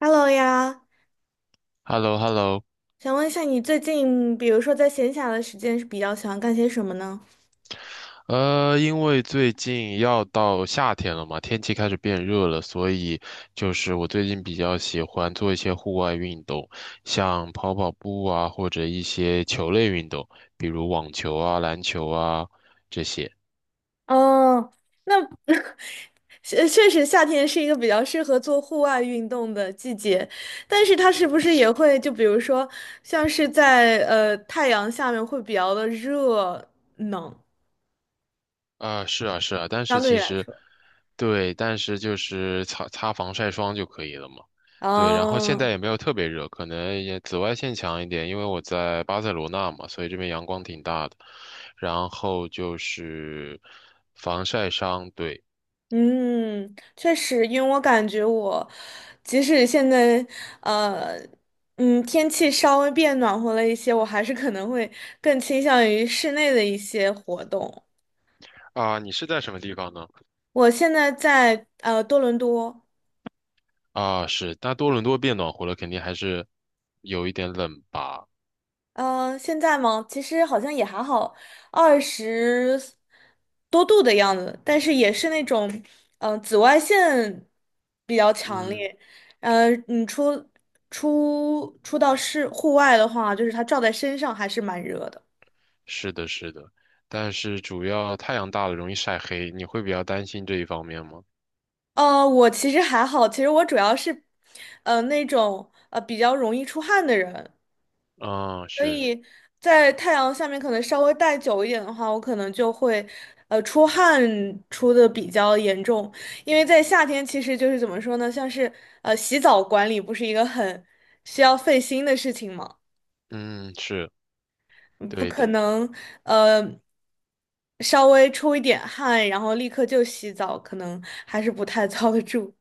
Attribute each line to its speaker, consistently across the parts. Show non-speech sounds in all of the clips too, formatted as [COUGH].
Speaker 1: Hello 呀，
Speaker 2: Hello hello。
Speaker 1: 想问一下你最近，比如说在闲暇的时间是比较喜欢干些什么呢？
Speaker 2: 因为最近要到夏天了嘛，天气开始变热了，所以就是我最近比较喜欢做一些户外运动，像跑跑步啊，或者一些球类运动，比如网球啊、篮球啊这些。
Speaker 1: 哦，那 [LAUGHS] 确实夏天是一个比较适合做户外运动的季节，但是它是不是也会就比如说像是在太阳下面会比较的热呢？
Speaker 2: 啊，是啊，是啊，但是
Speaker 1: 相对
Speaker 2: 其
Speaker 1: 来
Speaker 2: 实，
Speaker 1: 说，
Speaker 2: 对，但是就是擦擦防晒霜就可以了嘛。对，然后现
Speaker 1: 嗯。
Speaker 2: 在也没有特别热，可能也紫外线强一点，因为我在巴塞罗那嘛，所以这边阳光挺大的。然后就是防晒霜，对。
Speaker 1: 嗯，确实，因为我感觉我，即使现在，呃，天气稍微变暖和了一些，我还是可能会更倾向于室内的一些活动。
Speaker 2: 啊，你是在什么地方呢？
Speaker 1: 我现在在多伦多，
Speaker 2: 啊，是，那多伦多变暖和了，肯定还是有一点冷吧？
Speaker 1: 嗯，现在吗？其实好像也还好，二十多度的样子，但是也是那种，紫外线比较强
Speaker 2: 嗯，
Speaker 1: 烈。嗯，你出到室户外的话，就是它照在身上还是蛮热的。
Speaker 2: 是的，是的，但是主要太阳大了容易晒黑，你会比较担心这一方面吗？
Speaker 1: 我其实还好，其实我主要是，那种比较容易出汗的人，
Speaker 2: 啊，
Speaker 1: 所
Speaker 2: 是，
Speaker 1: 以在太阳下面可能稍微待久一点的话，我可能就会，出汗出的比较严重，因为在夏天其实就是怎么说呢，像是洗澡管理不是一个很需要费心的事情嘛，
Speaker 2: 嗯，是
Speaker 1: 嗯不
Speaker 2: 对
Speaker 1: 可
Speaker 2: 的，
Speaker 1: 能呃稍微出一点汗，然后立刻就洗澡，可能还是不太 [LAUGHS] 遭得住。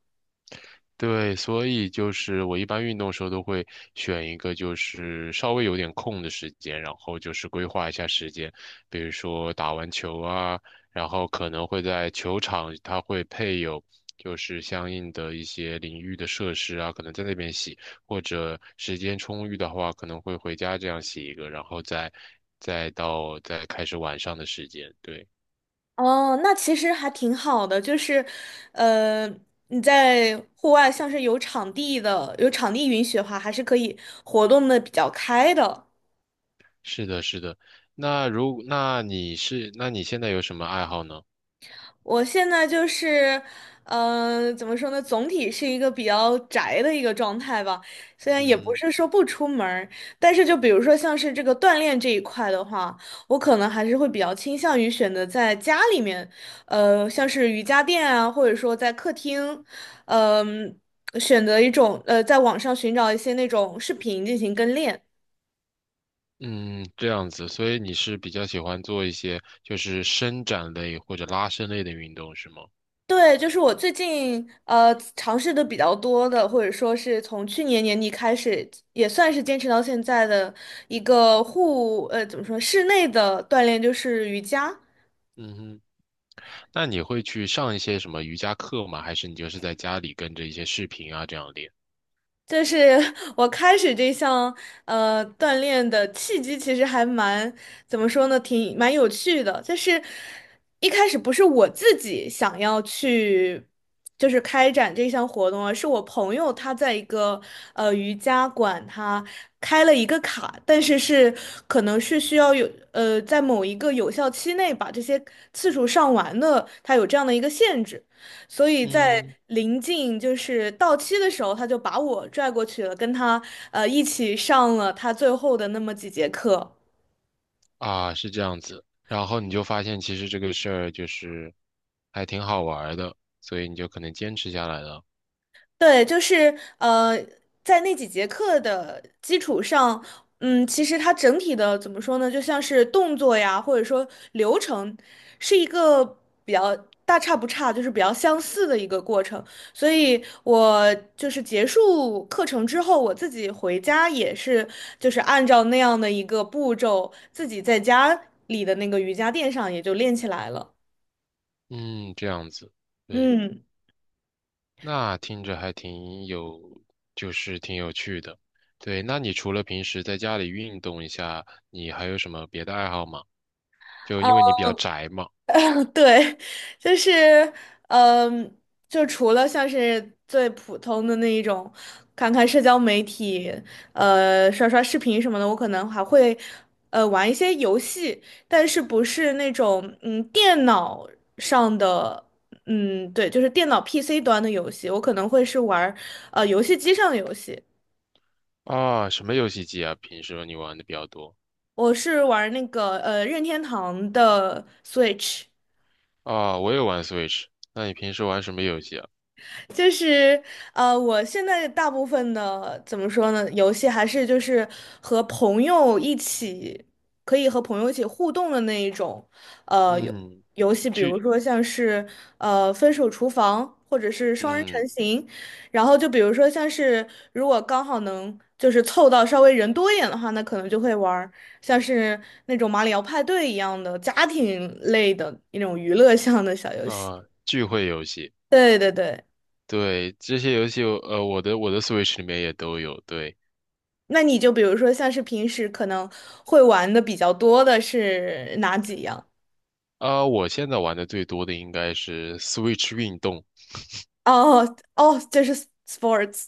Speaker 2: 对，所以就是我一般运动的时候都会选一个就是稍微有点空的时间，然后就是规划一下时间，比如说打完球啊，然后可能会在球场，它会配有就是相应的一些淋浴的设施啊，可能在那边洗，或者时间充裕的话，可能会回家这样洗一个，然后再开始晚上的时间，对。
Speaker 1: 哦，那其实还挺好的，就是，呃，你在户外，像是有场地的，有场地允许的话，还是可以活动的比较开的。
Speaker 2: 是的，是的。那如那你是那你现在有什么爱好呢？
Speaker 1: 我现在就是，怎么说呢？总体是一个比较宅的一个状态吧。虽然也不
Speaker 2: 嗯
Speaker 1: 是说不出门儿但是就比如说像是这个锻炼这一块的话，我可能还是会比较倾向于选择在家里面，像是瑜伽垫啊，或者说在客厅，呃嗯、选择一种在网上寻找一些那种视频进行跟练。
Speaker 2: 嗯，这样子，所以你是比较喜欢做一些就是伸展类或者拉伸类的运动是吗？
Speaker 1: 对，就是我最近尝试的比较多的，或者说是从去年年底开始，也算是坚持到现在的一个怎么说，室内的锻炼就是瑜伽。
Speaker 2: 嗯哼，那你会去上一些什么瑜伽课吗？还是你就是在家里跟着一些视频啊这样练？
Speaker 1: 就是我开始这项锻炼的契机，其实还蛮怎么说呢，挺蛮有趣的。就是一开始不是我自己想要去，就是开展这项活动啊，是我朋友他在一个瑜伽馆，他开了一个卡，但是可能是需要有在某一个有效期内把这些次数上完的，他有这样的一个限制。所以在
Speaker 2: 嗯，
Speaker 1: 临近就是到期的时候，他就把我拽过去了，跟他一起上了他最后的那么几节课。
Speaker 2: 啊，是这样子。然后你就发现其实这个事儿就是还挺好玩儿的，所以你就可能坚持下来了。
Speaker 1: 对，就是在那几节课的基础上，嗯，其实它整体的怎么说呢，就像是动作呀，或者说流程，是一个比较大差不差，就是比较相似的一个过程。所以我就是结束课程之后，我自己回家也是，就是按照那样的一个步骤，自己在家里的那个瑜伽垫上也就练起来了。
Speaker 2: 嗯，这样子，对。
Speaker 1: 嗯。
Speaker 2: 那听着还挺有，就是挺有趣的。对，那你除了平时在家里运动一下，你还有什么别的爱好吗？就
Speaker 1: 啊。
Speaker 2: 因为你比较宅嘛。
Speaker 1: [LAUGHS] 对，就是，嗯，就除了像是最普通的那一种，看看社交媒体，刷刷视频什么的，我可能还会，玩一些游戏，但是不是那种，电脑上的，对，就是电脑 PC 端的游戏，我可能会是玩儿游戏机上的游戏，
Speaker 2: 啊，什么游戏机啊？平时你玩的比较多？
Speaker 1: 我是玩儿那个，任天堂的 Switch。
Speaker 2: 啊，我也玩 Switch。那你平时玩什么游戏啊？
Speaker 1: 就是我现在大部分的怎么说呢，游戏还是就是和朋友一起，可以和朋友一起互动的那一种，呃，游
Speaker 2: 嗯，
Speaker 1: 游戏，比如
Speaker 2: 聚，
Speaker 1: 说像是《分手厨房》或者是双人成
Speaker 2: 嗯
Speaker 1: 行，然后就比如说像是如果刚好能就是凑到稍微人多一点的话，那可能就会玩儿像是那种马里奥派对一样的家庭类的那种娱乐向的小游戏。
Speaker 2: 啊，聚会游戏。
Speaker 1: 对对对。
Speaker 2: 对，这些游戏我我的 Switch 里面也都有。对，
Speaker 1: 那你就比如说像是平时可能会玩的比较多的是哪几样？
Speaker 2: 啊，我现在玩的最多的应该是 Switch 运动。
Speaker 1: 哦哦，这是 sports。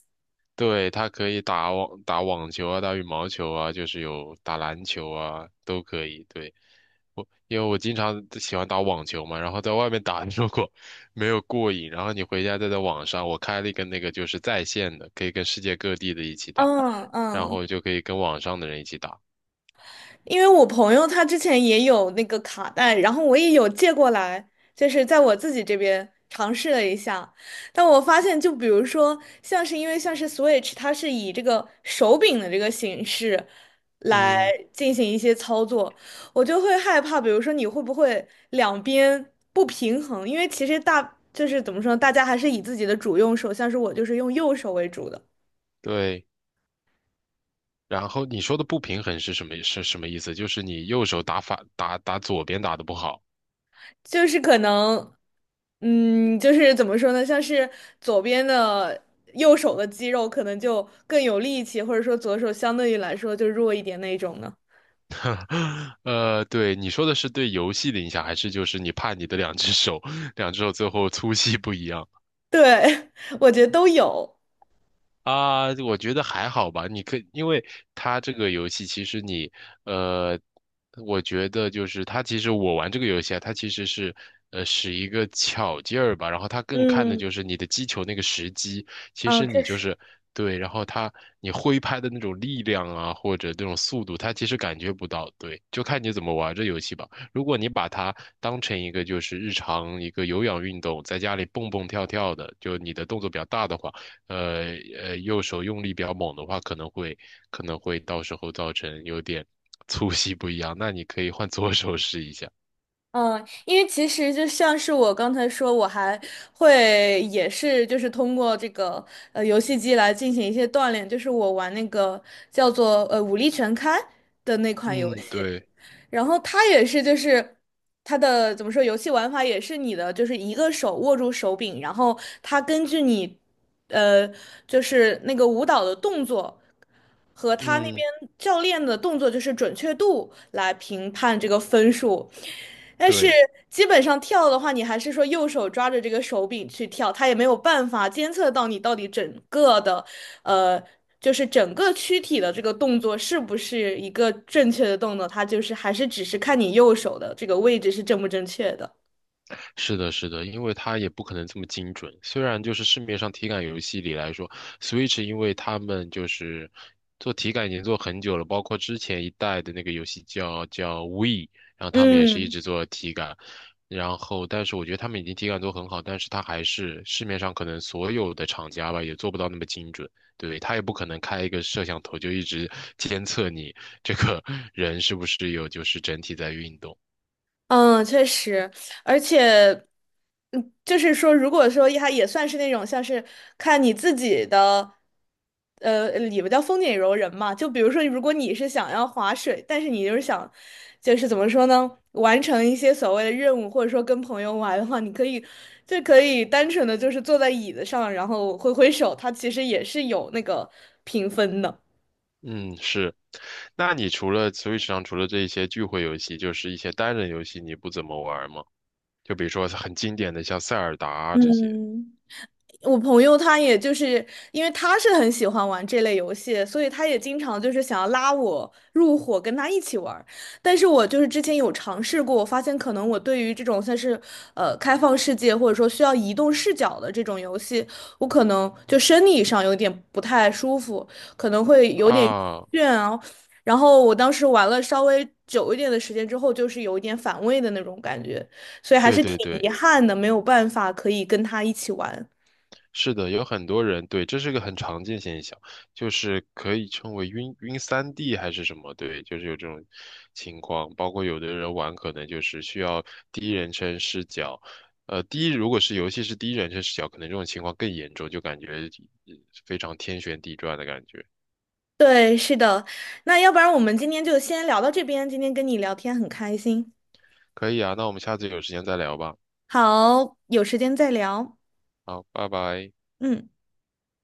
Speaker 2: 对，它可以打网球啊，打羽毛球啊，就是有打篮球啊，都可以。对，我因为我经常喜欢打网球嘛，然后在外面打，[LAUGHS] 如果没有过瘾，然后你回家再在网上，我开了一个那个就是在线的，可以跟世界各地的一起打，
Speaker 1: 嗯
Speaker 2: 然
Speaker 1: 嗯，
Speaker 2: 后就可以跟网上的人一起打。
Speaker 1: 因为我朋友他之前也有那个卡带，然后我也有借过来，就是在我自己这边尝试了一下，但我发现，就比如说，像是因为像是 Switch，它是以这个手柄的这个形式来
Speaker 2: 嗯，
Speaker 1: 进行一些操作，我就会害怕，比如说你会不会两边不平衡？因为其实就是怎么说，大家还是以自己的主用手，像是我就是用右手为主的。
Speaker 2: 对。然后你说的不平衡是什么？是什么意思？就是你右手打左边打的不好。
Speaker 1: 就是可能，就是怎么说呢，像是左边的右手的肌肉可能就更有力气，或者说左手相对于来说就弱一点那一种呢。
Speaker 2: [LAUGHS] 对，你说的是对游戏的影响，还是就是你怕你的两只手，两只手最后粗细不一样？
Speaker 1: 对，[LAUGHS] 我觉得都有。
Speaker 2: 啊，我觉得还好吧。因为它这个游戏，其实呃，我觉得就是它其实我玩这个游戏啊，它其实是，使一个巧劲儿吧。然后它更看的
Speaker 1: 嗯，
Speaker 2: 就是你的击球那个时机，其
Speaker 1: 嗯，
Speaker 2: 实
Speaker 1: 确
Speaker 2: 你就
Speaker 1: 实。
Speaker 2: 是对，然后你挥拍的那种力量啊，或者那种速度，它其实感觉不到。对，就看你怎么玩这游戏吧。如果你把它当成一个就是日常一个有氧运动，在家里蹦蹦跳跳的，就你的动作比较大的话。呃右手用力比较猛的话，可能会到时候造成有点粗细不一样。那你可以换左手试一下。
Speaker 1: 嗯，因为其实就像是我刚才说，我还会也是就是通过这个游戏机来进行一些锻炼，就是我玩那个叫做《武力全开》的那款游
Speaker 2: 嗯，
Speaker 1: 戏。
Speaker 2: 对，
Speaker 1: 然后它也是就是它的怎么说，游戏玩法也是你的就是一个手握住手柄，然后它根据你呃就是那个舞蹈的动作。和他那
Speaker 2: 嗯，
Speaker 1: 边教练的动作就是准确度来评判这个分数，但是
Speaker 2: 对。
Speaker 1: 基本上跳的话，你还是说右手抓着这个手柄去跳，他也没有办法监测到你到底整个的呃，就是整个躯体的这个动作是不是一个正确的动作，它就是还是只是看你右手的这个位置是正不正确的。
Speaker 2: 是的，是的，因为它也不可能这么精准。虽然就是市面上体感游戏里来说，Switch 因为他们就是做体感已经做很久了，包括之前一代的那个游戏叫 Wii，然后他们也是一
Speaker 1: 嗯。
Speaker 2: 直做体感。然后，但是我觉得他们已经体感做很好，但是它还是市面上可能所有的厂家吧，也做不到那么精准。对，他也不可能开一个摄像头就一直监测你这个人是不是有就是整体在运动。
Speaker 1: 嗯，确实，而且，就是说，如果说它也算是那种像是看你自己的，里边叫风景柔人嘛。就比如说，如果你是想要划水，但是你就是想，就是怎么说呢，完成一些所谓的任务，或者说跟朋友玩的话，你可以就可以单纯的就是坐在椅子上，然后挥挥手，它其实也是有那个评分的。
Speaker 2: 嗯，是。那你除了 Switch 上除了这一些聚会游戏，就是一些单人游戏，你不怎么玩吗？就比如说很经典的像塞尔达啊这些
Speaker 1: 嗯。我朋友他也就是因为他是很喜欢玩这类游戏，所以他也经常就是想要拉我入伙跟他一起玩儿但是我就是之前有尝试过，我发现可能我对于这种算是开放世界或者说需要移动视角的这种游戏，我可能就生理上有点不太舒服，可能会有点
Speaker 2: 啊，
Speaker 1: 倦啊。然后我当时玩了稍微久一点的时间之后，就是有一点反胃的那种感觉，所以还
Speaker 2: 对
Speaker 1: 是挺
Speaker 2: 对
Speaker 1: 遗
Speaker 2: 对，
Speaker 1: 憾的，没有办法可以跟他一起玩。
Speaker 2: 是的，有很多人对，这是个很常见现象，就是可以称为晕3D 还是什么，对，就是有这种情况。包括有的人玩可能就是需要第一人称视角，如果是游戏是第一人称视角，可能这种情况更严重，就感觉呃非常天旋地转的感觉。
Speaker 1: 对，是的。那要不然我们今天就先聊到这边，今天跟你聊天很开心。
Speaker 2: 可以啊，那我们下次有时间再聊吧。
Speaker 1: 好，有时间再聊。
Speaker 2: 好，拜拜。
Speaker 1: 嗯。